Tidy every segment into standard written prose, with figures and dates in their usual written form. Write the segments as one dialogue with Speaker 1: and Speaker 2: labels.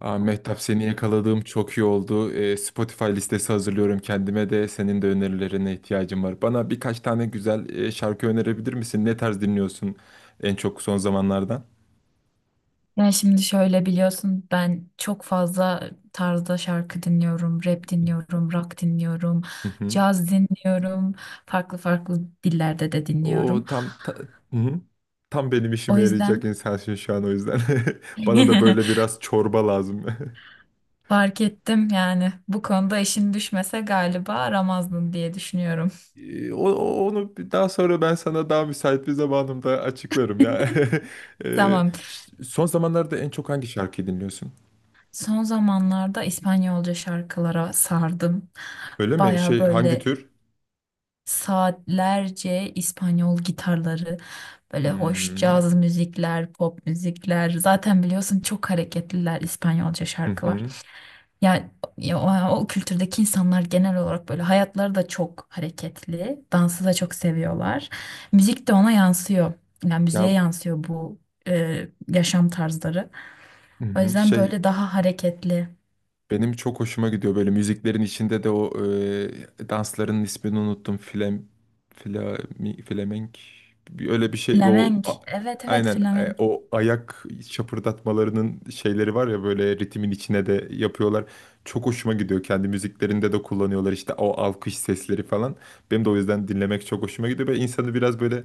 Speaker 1: Mehtap seni yakaladığım çok iyi oldu. Spotify listesi hazırlıyorum kendime de senin de önerilerine ihtiyacım var. Bana birkaç tane güzel şarkı önerebilir misin? Ne tarz dinliyorsun en çok son zamanlardan?
Speaker 2: Ya şimdi şöyle biliyorsun ben çok fazla tarzda şarkı dinliyorum, rap dinliyorum, rock dinliyorum,
Speaker 1: Hı hı.
Speaker 2: caz dinliyorum, farklı farklı dillerde de dinliyorum.
Speaker 1: O tam ta- hı hı. Tam benim
Speaker 2: O
Speaker 1: işime
Speaker 2: yüzden
Speaker 1: yarayacak insansın şu an o yüzden. Bana da böyle biraz çorba lazım.
Speaker 2: fark ettim yani bu konuda işin düşmese galiba aramazdın diye düşünüyorum.
Speaker 1: Daha sonra ben sana daha müsait bir zamanımda açıklarım ya.
Speaker 2: Tamam.
Speaker 1: Son zamanlarda en çok hangi şarkıyı dinliyorsun?
Speaker 2: Son zamanlarda İspanyolca şarkılara sardım.
Speaker 1: Öyle mi?
Speaker 2: Baya
Speaker 1: Şey, hangi
Speaker 2: böyle
Speaker 1: tür?
Speaker 2: saatlerce İspanyol gitarları, böyle hoş
Speaker 1: Hmm.
Speaker 2: caz müzikler, pop müzikler. Zaten biliyorsun çok hareketliler İspanyolca
Speaker 1: Hı
Speaker 2: şarkılar.
Speaker 1: hı.
Speaker 2: Yani ya o kültürdeki insanlar genel olarak böyle hayatları da çok hareketli, dansı da çok seviyorlar. Müzik de ona yansıyor. Yani müziğe
Speaker 1: Ya,
Speaker 2: yansıyor bu yaşam tarzları.
Speaker 1: hı
Speaker 2: O
Speaker 1: hı.
Speaker 2: yüzden
Speaker 1: Şey,
Speaker 2: böyle daha hareketli.
Speaker 1: benim çok hoşuma gidiyor böyle müziklerin içinde de o dansların ismini unuttum. Flamenk öyle bir şey
Speaker 2: Flamenk. Evet evet
Speaker 1: aynen.
Speaker 2: flamenk.
Speaker 1: O ayak şapırdatmalarının şeyleri var ya, böyle ritmin içine de yapıyorlar. Çok hoşuma gidiyor. Kendi müziklerinde de kullanıyorlar işte, o alkış sesleri falan. Benim de o yüzden dinlemek çok hoşuma gidiyor ve insanı biraz böyle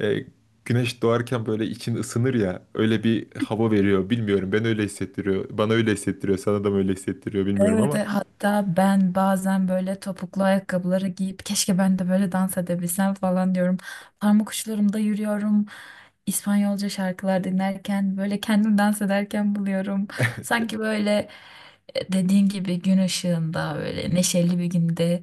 Speaker 1: e, güneş doğarken böyle için ısınır ya, öyle bir hava veriyor. Bilmiyorum, ben öyle hissettiriyor bana, öyle hissettiriyor sana da mı, öyle hissettiriyor bilmiyorum
Speaker 2: Evet,
Speaker 1: ama
Speaker 2: hatta ben bazen böyle topuklu ayakkabıları giyip keşke ben de böyle dans edebilsem falan diyorum. Parmak uçlarımda yürüyorum. İspanyolca şarkılar dinlerken böyle kendim dans ederken buluyorum.
Speaker 1: evet,
Speaker 2: Sanki böyle dediğin gibi gün ışığında böyle neşeli bir günde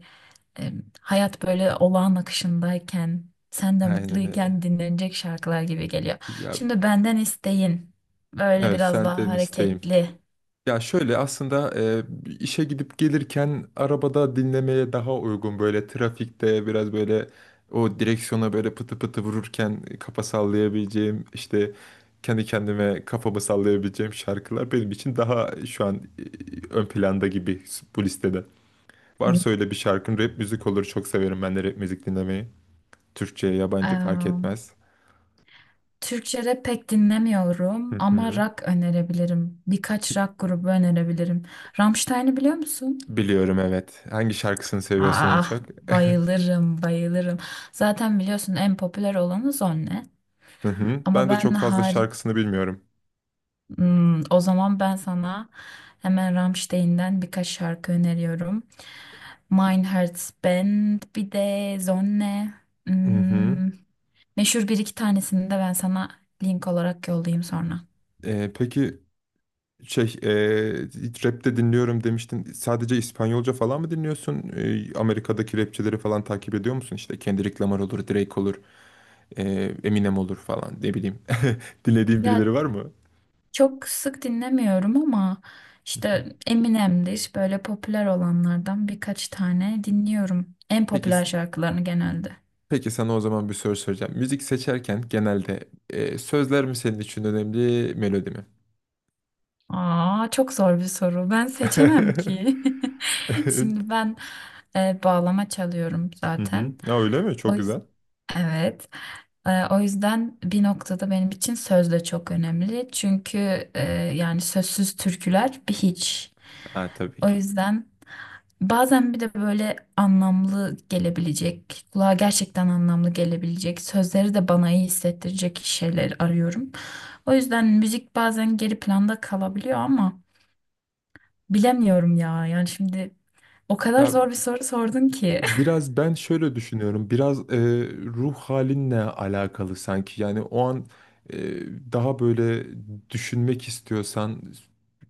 Speaker 2: e, hayat böyle olağan akışındayken sen de
Speaker 1: aynen
Speaker 2: mutluyken
Speaker 1: öyle
Speaker 2: dinlenecek şarkılar gibi geliyor.
Speaker 1: ya.
Speaker 2: Şimdi benden isteyin böyle
Speaker 1: Evet,
Speaker 2: biraz daha
Speaker 1: senden isteğim,
Speaker 2: hareketli.
Speaker 1: ya şöyle aslında, işe gidip gelirken arabada dinlemeye daha uygun, böyle trafikte biraz böyle o direksiyona böyle pıtı pıtı vururken kafa sallayabileceğim, işte kendi kendime kafamı sallayabileceğim şarkılar benim için daha şu an ön planda gibi bu listede. Varsa öyle bir şarkın, rap müzik olur. Çok severim ben de rap müzik dinlemeyi. Türkçe, yabancı fark
Speaker 2: Hı.
Speaker 1: etmez.
Speaker 2: Türkçe rap pek
Speaker 1: Hı
Speaker 2: dinlemiyorum ama
Speaker 1: hı.
Speaker 2: rock önerebilirim. Birkaç rock grubu önerebilirim. Rammstein'i biliyor musun?
Speaker 1: Biliyorum, evet. Hangi şarkısını seviyorsun en
Speaker 2: Ah
Speaker 1: çok?
Speaker 2: bayılırım bayılırım. Zaten biliyorsun en popüler olanı Zonne.
Speaker 1: Hı hı. Ben
Speaker 2: Ama
Speaker 1: de çok fazla şarkısını bilmiyorum.
Speaker 2: Hmm, o zaman ben sana hemen Rammstein'den birkaç şarkı öneriyorum. Mein Herz Band bir de Zonne.
Speaker 1: Hı hı.
Speaker 2: Hmm, meşhur bir iki tanesini de ben sana link olarak yollayayım sonra.
Speaker 1: Peki, şey e, rapte dinliyorum demiştin. Sadece İspanyolca falan mı dinliyorsun? Amerika'daki rapçileri falan takip ediyor musun? İşte Kendrick Lamar olur, Drake olur, e, Eminem olur falan, ne bileyim. Dinlediğin
Speaker 2: Ya
Speaker 1: birileri var mı?
Speaker 2: çok sık dinlemiyorum ama
Speaker 1: Hı hı.
Speaker 2: işte Eminem'dir böyle popüler olanlardan birkaç tane dinliyorum. En
Speaker 1: Peki
Speaker 2: popüler şarkılarını genelde.
Speaker 1: Peki sana o zaman bir soru soracağım. Müzik seçerken genelde sözler mi senin için önemli, melodi mi?
Speaker 2: Aa çok zor bir soru. Ben seçemem ki.
Speaker 1: Evet.
Speaker 2: Şimdi ben bağlama çalıyorum
Speaker 1: Hı hı.
Speaker 2: zaten.
Speaker 1: Ya, öyle mi?
Speaker 2: O
Speaker 1: Çok güzel.
Speaker 2: evet. O yüzden bir noktada benim için söz de çok önemli. Çünkü yani sözsüz türküler bir hiç.
Speaker 1: Ha, tabii
Speaker 2: O
Speaker 1: ki.
Speaker 2: yüzden bazen bir de böyle anlamlı gelebilecek, kulağa gerçekten anlamlı gelebilecek, sözleri de bana iyi hissettirecek şeyler arıyorum. O yüzden müzik bazen geri planda kalabiliyor ama bilemiyorum ya. Yani şimdi o kadar
Speaker 1: Ya,
Speaker 2: zor bir soru sordun ki.
Speaker 1: biraz ben şöyle düşünüyorum. Biraz ruh halinle alakalı sanki. Yani o an e, daha böyle düşünmek istiyorsan,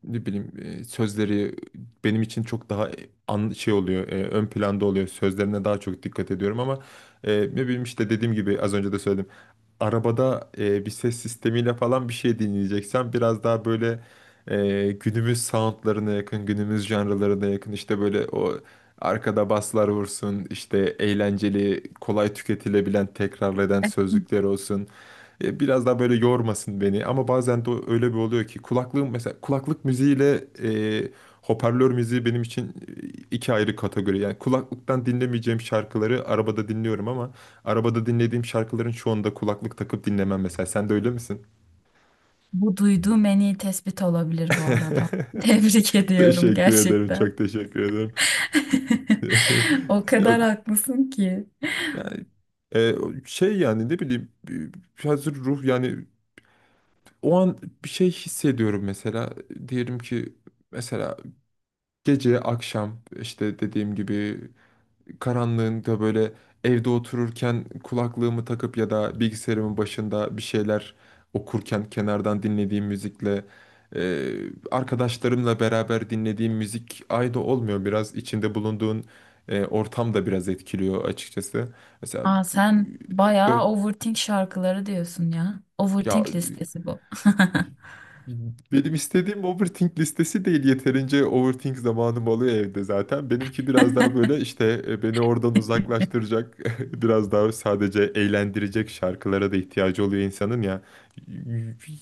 Speaker 1: ne bileyim, sözleri benim için çok daha şey oluyor, ön planda oluyor. Sözlerine daha çok dikkat ediyorum ama ne bileyim, işte dediğim gibi az önce de söyledim, arabada bir ses sistemiyle falan bir şey dinleyeceksen biraz daha böyle günümüz soundlarına yakın, günümüz janralarına yakın, işte böyle o arkada baslar vursun, işte eğlenceli, kolay tüketilebilen, tekrarlayan sözlükler olsun. Biraz daha böyle yormasın beni, ama bazen de öyle bir oluyor ki kulaklığım mesela, kulaklık müziğiyle e, hoparlör müziği benim için iki ayrı kategori. Yani kulaklıktan dinlemeyeceğim şarkıları arabada dinliyorum ama arabada dinlediğim şarkıların çoğunda kulaklık takıp dinlemem mesela. Sen de öyle misin?
Speaker 2: Bu duyduğum en iyi tespit olabilir bu arada. Tebrik ediyorum
Speaker 1: Teşekkür ederim.
Speaker 2: gerçekten.
Speaker 1: Çok teşekkür ederim.
Speaker 2: O kadar
Speaker 1: Ya-
Speaker 2: haklısın ki.
Speaker 1: Yani e, şey, yani ne bileyim, hazır ruh, yani o an bir şey hissediyorum mesela, diyelim ki mesela gece, akşam, işte dediğim gibi karanlığında böyle evde otururken kulaklığımı takıp ya da bilgisayarımın başında bir şeyler okurken kenardan dinlediğim müzikle e, arkadaşlarımla beraber dinlediğim müzik aynı olmuyor. Biraz içinde bulunduğun ortam da biraz etkiliyor açıkçası. Mesela
Speaker 2: Aa, sen bayağı
Speaker 1: dört,
Speaker 2: overthink şarkıları diyorsun ya.
Speaker 1: ya,
Speaker 2: Overthink listesi bu.
Speaker 1: benim istediğim overthink listesi değil. Yeterince overthink zamanım oluyor evde zaten. Benimki biraz daha böyle işte beni oradan uzaklaştıracak, biraz daha sadece eğlendirecek şarkılara da ihtiyacı oluyor insanın ya.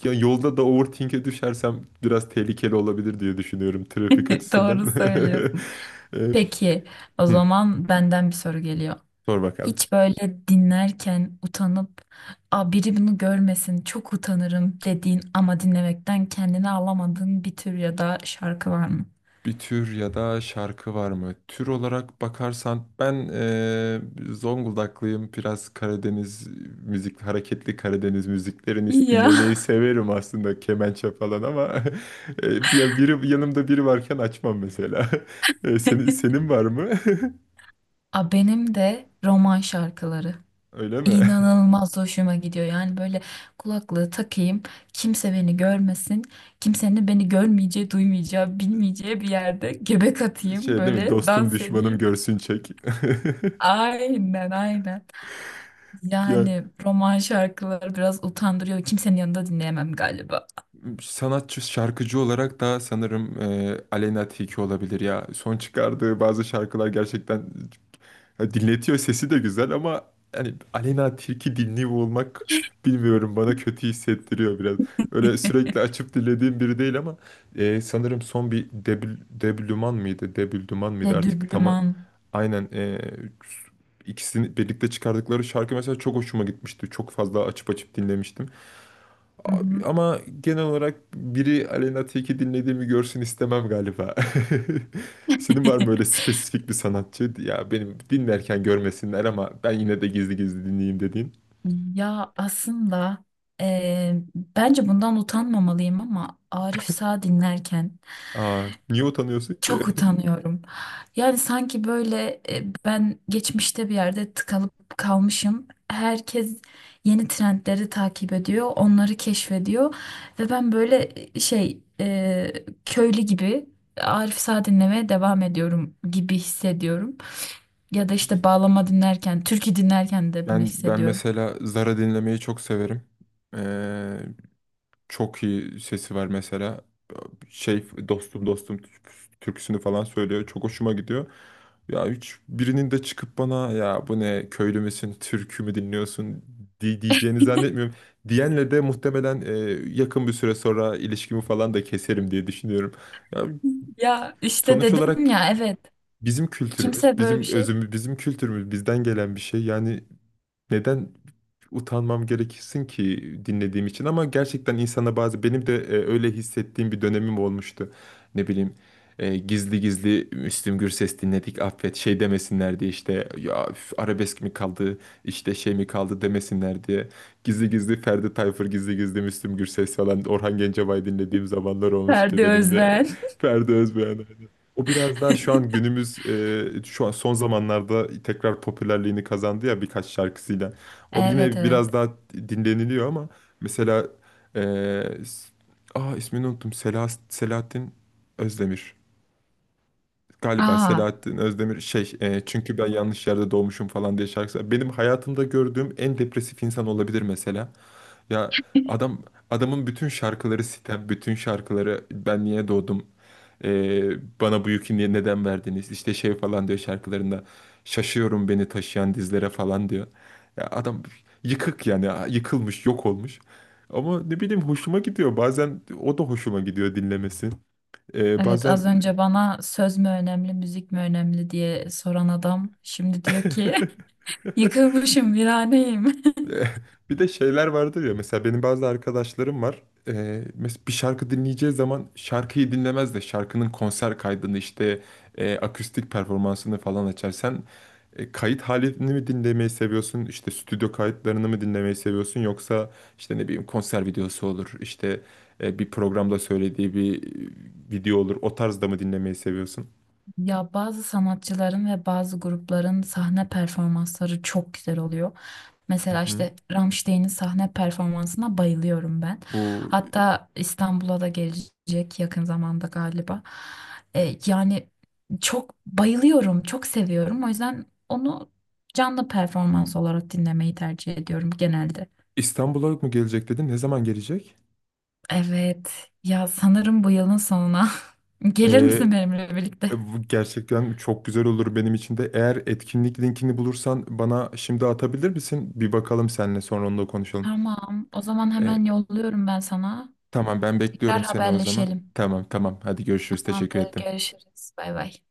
Speaker 1: Ya yolda da overthink'e düşersem biraz tehlikeli olabilir diye düşünüyorum trafik açısından.
Speaker 2: Doğru söylüyorsun.
Speaker 1: E,
Speaker 2: Peki, o
Speaker 1: Hı,
Speaker 2: zaman benden bir soru geliyor.
Speaker 1: sor bakalım.
Speaker 2: Hiç böyle dinlerken utanıp, aa, biri bunu görmesin, çok utanırım dediğin ama dinlemekten kendini alamadığın bir tür ya da şarkı var mı?
Speaker 1: Bir tür ya da şarkı var mı? Tür olarak bakarsan ben Zonguldaklıyım. Biraz Karadeniz müzik, hareketli Karadeniz müziklerini
Speaker 2: Ya.
Speaker 1: dinlemeyi severim aslında, kemençe falan ama ya biri yanımda, biri varken açmam mesela. Senin var mı?
Speaker 2: A benim de roman şarkıları.
Speaker 1: Öyle mi?
Speaker 2: İnanılmaz hoşuma gidiyor. Yani böyle kulaklığı takayım, kimse beni görmesin, kimsenin de beni görmeyeceği, duymayacağı, bilmeyeceği bir yerde göbek atayım,
Speaker 1: Şey, değil mi?
Speaker 2: böyle
Speaker 1: Dostum
Speaker 2: dans
Speaker 1: düşmanım
Speaker 2: edeyim.
Speaker 1: görsün, çek.
Speaker 2: Aynen, aynen.
Speaker 1: Ya,
Speaker 2: Yani roman şarkıları biraz utandırıyor. Kimsenin yanında dinleyemem galiba.
Speaker 1: sanatçı şarkıcı olarak da sanırım Aleyna Tilki olabilir ya. Son çıkardığı bazı şarkılar gerçekten ya dinletiyor, sesi de güzel ama hani Aleyna Tilki dinliyor olmak, bilmiyorum, bana kötü hissettiriyor biraz. Öyle sürekli açıp dinlediğim biri değil ama sanırım son bir Debl Deblüman mıydı? Debüldüman mıydı
Speaker 2: De
Speaker 1: artık tam,
Speaker 2: Düblüman.
Speaker 1: aynen. İkisini birlikte çıkardıkları şarkı mesela çok hoşuma gitmişti. Çok fazla açıp açıp dinlemiştim.
Speaker 2: Hı
Speaker 1: Abi,
Speaker 2: hı.
Speaker 1: ama genel olarak biri Aleyna Tilki dinlediğimi görsün istemem galiba. Senin var mı öyle spesifik bir sanatçı? Ya benim dinlerken görmesinler ama ben yine de gizli gizli dinleyeyim dediğin.
Speaker 2: Ya aslında bence bundan utanmamalıyım ama Arif Sağ dinlerken
Speaker 1: Niye utanıyorsun
Speaker 2: çok
Speaker 1: ki?
Speaker 2: utanıyorum. Yani sanki böyle ben geçmişte bir yerde tıkalıp kalmışım. Herkes yeni trendleri takip ediyor, onları keşfediyor ve ben böyle köylü gibi Arif Sağ dinlemeye devam ediyorum gibi hissediyorum. Ya da işte bağlama dinlerken, türkü dinlerken de bunu
Speaker 1: Ben
Speaker 2: hissediyorum.
Speaker 1: mesela Zara dinlemeyi çok severim. Ee, Çok iyi sesi var mesela. Şey, dostum türküsünü falan söylüyor. Çok hoşuma gidiyor. Ya, hiç birinin de çıkıp bana ya bu ne, köylü müsün, türkü mü dinliyorsun diyeceğini zannetmiyorum. Diyenle de muhtemelen yakın bir süre sonra ilişkimi falan da keserim diye düşünüyorum. Ya,
Speaker 2: Ya işte
Speaker 1: sonuç
Speaker 2: dedim
Speaker 1: olarak
Speaker 2: ya evet.
Speaker 1: bizim kültürümüz,
Speaker 2: Kimse böyle bir
Speaker 1: bizim
Speaker 2: şey.
Speaker 1: özümüz, bizim kültürümüz bizden gelen bir şey. Yani neden utanmam gerekirsin ki dinlediğim için, ama gerçekten insana bazı benim de öyle hissettiğim bir dönemim olmuştu. Ne bileyim, gizli gizli Müslüm Gürses dinledik affet şey demesinler diye, işte ya üf, arabesk mi kaldı, işte şey mi kaldı demesinler diye gizli gizli Ferdi Tayfur, gizli gizli Müslüm Gürses falan, Orhan Gencebay dinlediğim zamanlar olmuştu
Speaker 2: Ferdi
Speaker 1: benim de.
Speaker 2: Özben.
Speaker 1: Ferdi Özbeğen. O biraz daha şu an günümüz, şu an son zamanlarda tekrar popülerliğini kazandı ya birkaç şarkısıyla. O
Speaker 2: Evet
Speaker 1: yine
Speaker 2: evet.
Speaker 1: biraz daha dinleniliyor ama mesela s- aa ismini unuttum. Selahattin Özdemir. Galiba
Speaker 2: Aa
Speaker 1: Selahattin Özdemir, şey, "Çünkü ben yanlış yerde doğmuşum" falan diye şarkısı. Benim hayatımda gördüğüm en depresif insan olabilir mesela. Ya adam Adamın bütün şarkıları sitem, bütün şarkıları "ben niye doğdum?" "Bana bu yükü niye, neden verdiniz?" İşte şey falan diyor şarkılarında. "Şaşıyorum beni taşıyan dizlere" falan diyor. Ya adam yıkık, yani yıkılmış, yok olmuş. Ama ne bileyim, hoşuma gidiyor. Bazen o da hoşuma gidiyor dinlemesi.
Speaker 2: evet,
Speaker 1: Bazen
Speaker 2: az önce bana söz mü önemli, müzik mi önemli diye soran adam şimdi diyor ki yıkılmışım, viraneyim.
Speaker 1: Eh, bir de şeyler vardır ya, mesela benim bazı arkadaşlarım var. Mesela bir şarkı dinleyeceği zaman şarkıyı dinlemez de şarkının konser kaydını, işte akustik performansını falan açar. Sen kayıt halini mi dinlemeyi seviyorsun? İşte stüdyo kayıtlarını mı dinlemeyi seviyorsun? Yoksa işte ne bileyim, konser videosu olur, işte bir programda söylediği bir video olur. O tarzda mı dinlemeyi seviyorsun?
Speaker 2: Ya bazı sanatçıların ve bazı grupların sahne performansları çok güzel oluyor.
Speaker 1: Hı
Speaker 2: Mesela
Speaker 1: hı.
Speaker 2: işte Rammstein'in sahne performansına bayılıyorum ben.
Speaker 1: Bu
Speaker 2: Hatta İstanbul'a da gelecek yakın zamanda galiba. Yani çok bayılıyorum, çok seviyorum. O yüzden onu canlı performans olarak dinlemeyi tercih ediyorum genelde.
Speaker 1: İstanbul'a mı gelecek dedin? Ne zaman gelecek?
Speaker 2: Evet. Ya sanırım bu yılın sonuna. Gelir misin benimle birlikte?
Speaker 1: Bu gerçekten çok güzel olur benim için de. Eğer etkinlik linkini bulursan bana şimdi atabilir misin? Bir bakalım, seninle sonra onu da konuşalım.
Speaker 2: Tamam. O zaman
Speaker 1: E,
Speaker 2: hemen yolluyorum ben sana.
Speaker 1: tamam, ben
Speaker 2: Tekrar
Speaker 1: bekliyorum seni o zaman.
Speaker 2: haberleşelim.
Speaker 1: Tamam tamam, hadi görüşürüz, teşekkür
Speaker 2: Tamamdır.
Speaker 1: ettim.
Speaker 2: Görüşürüz. Bay bay.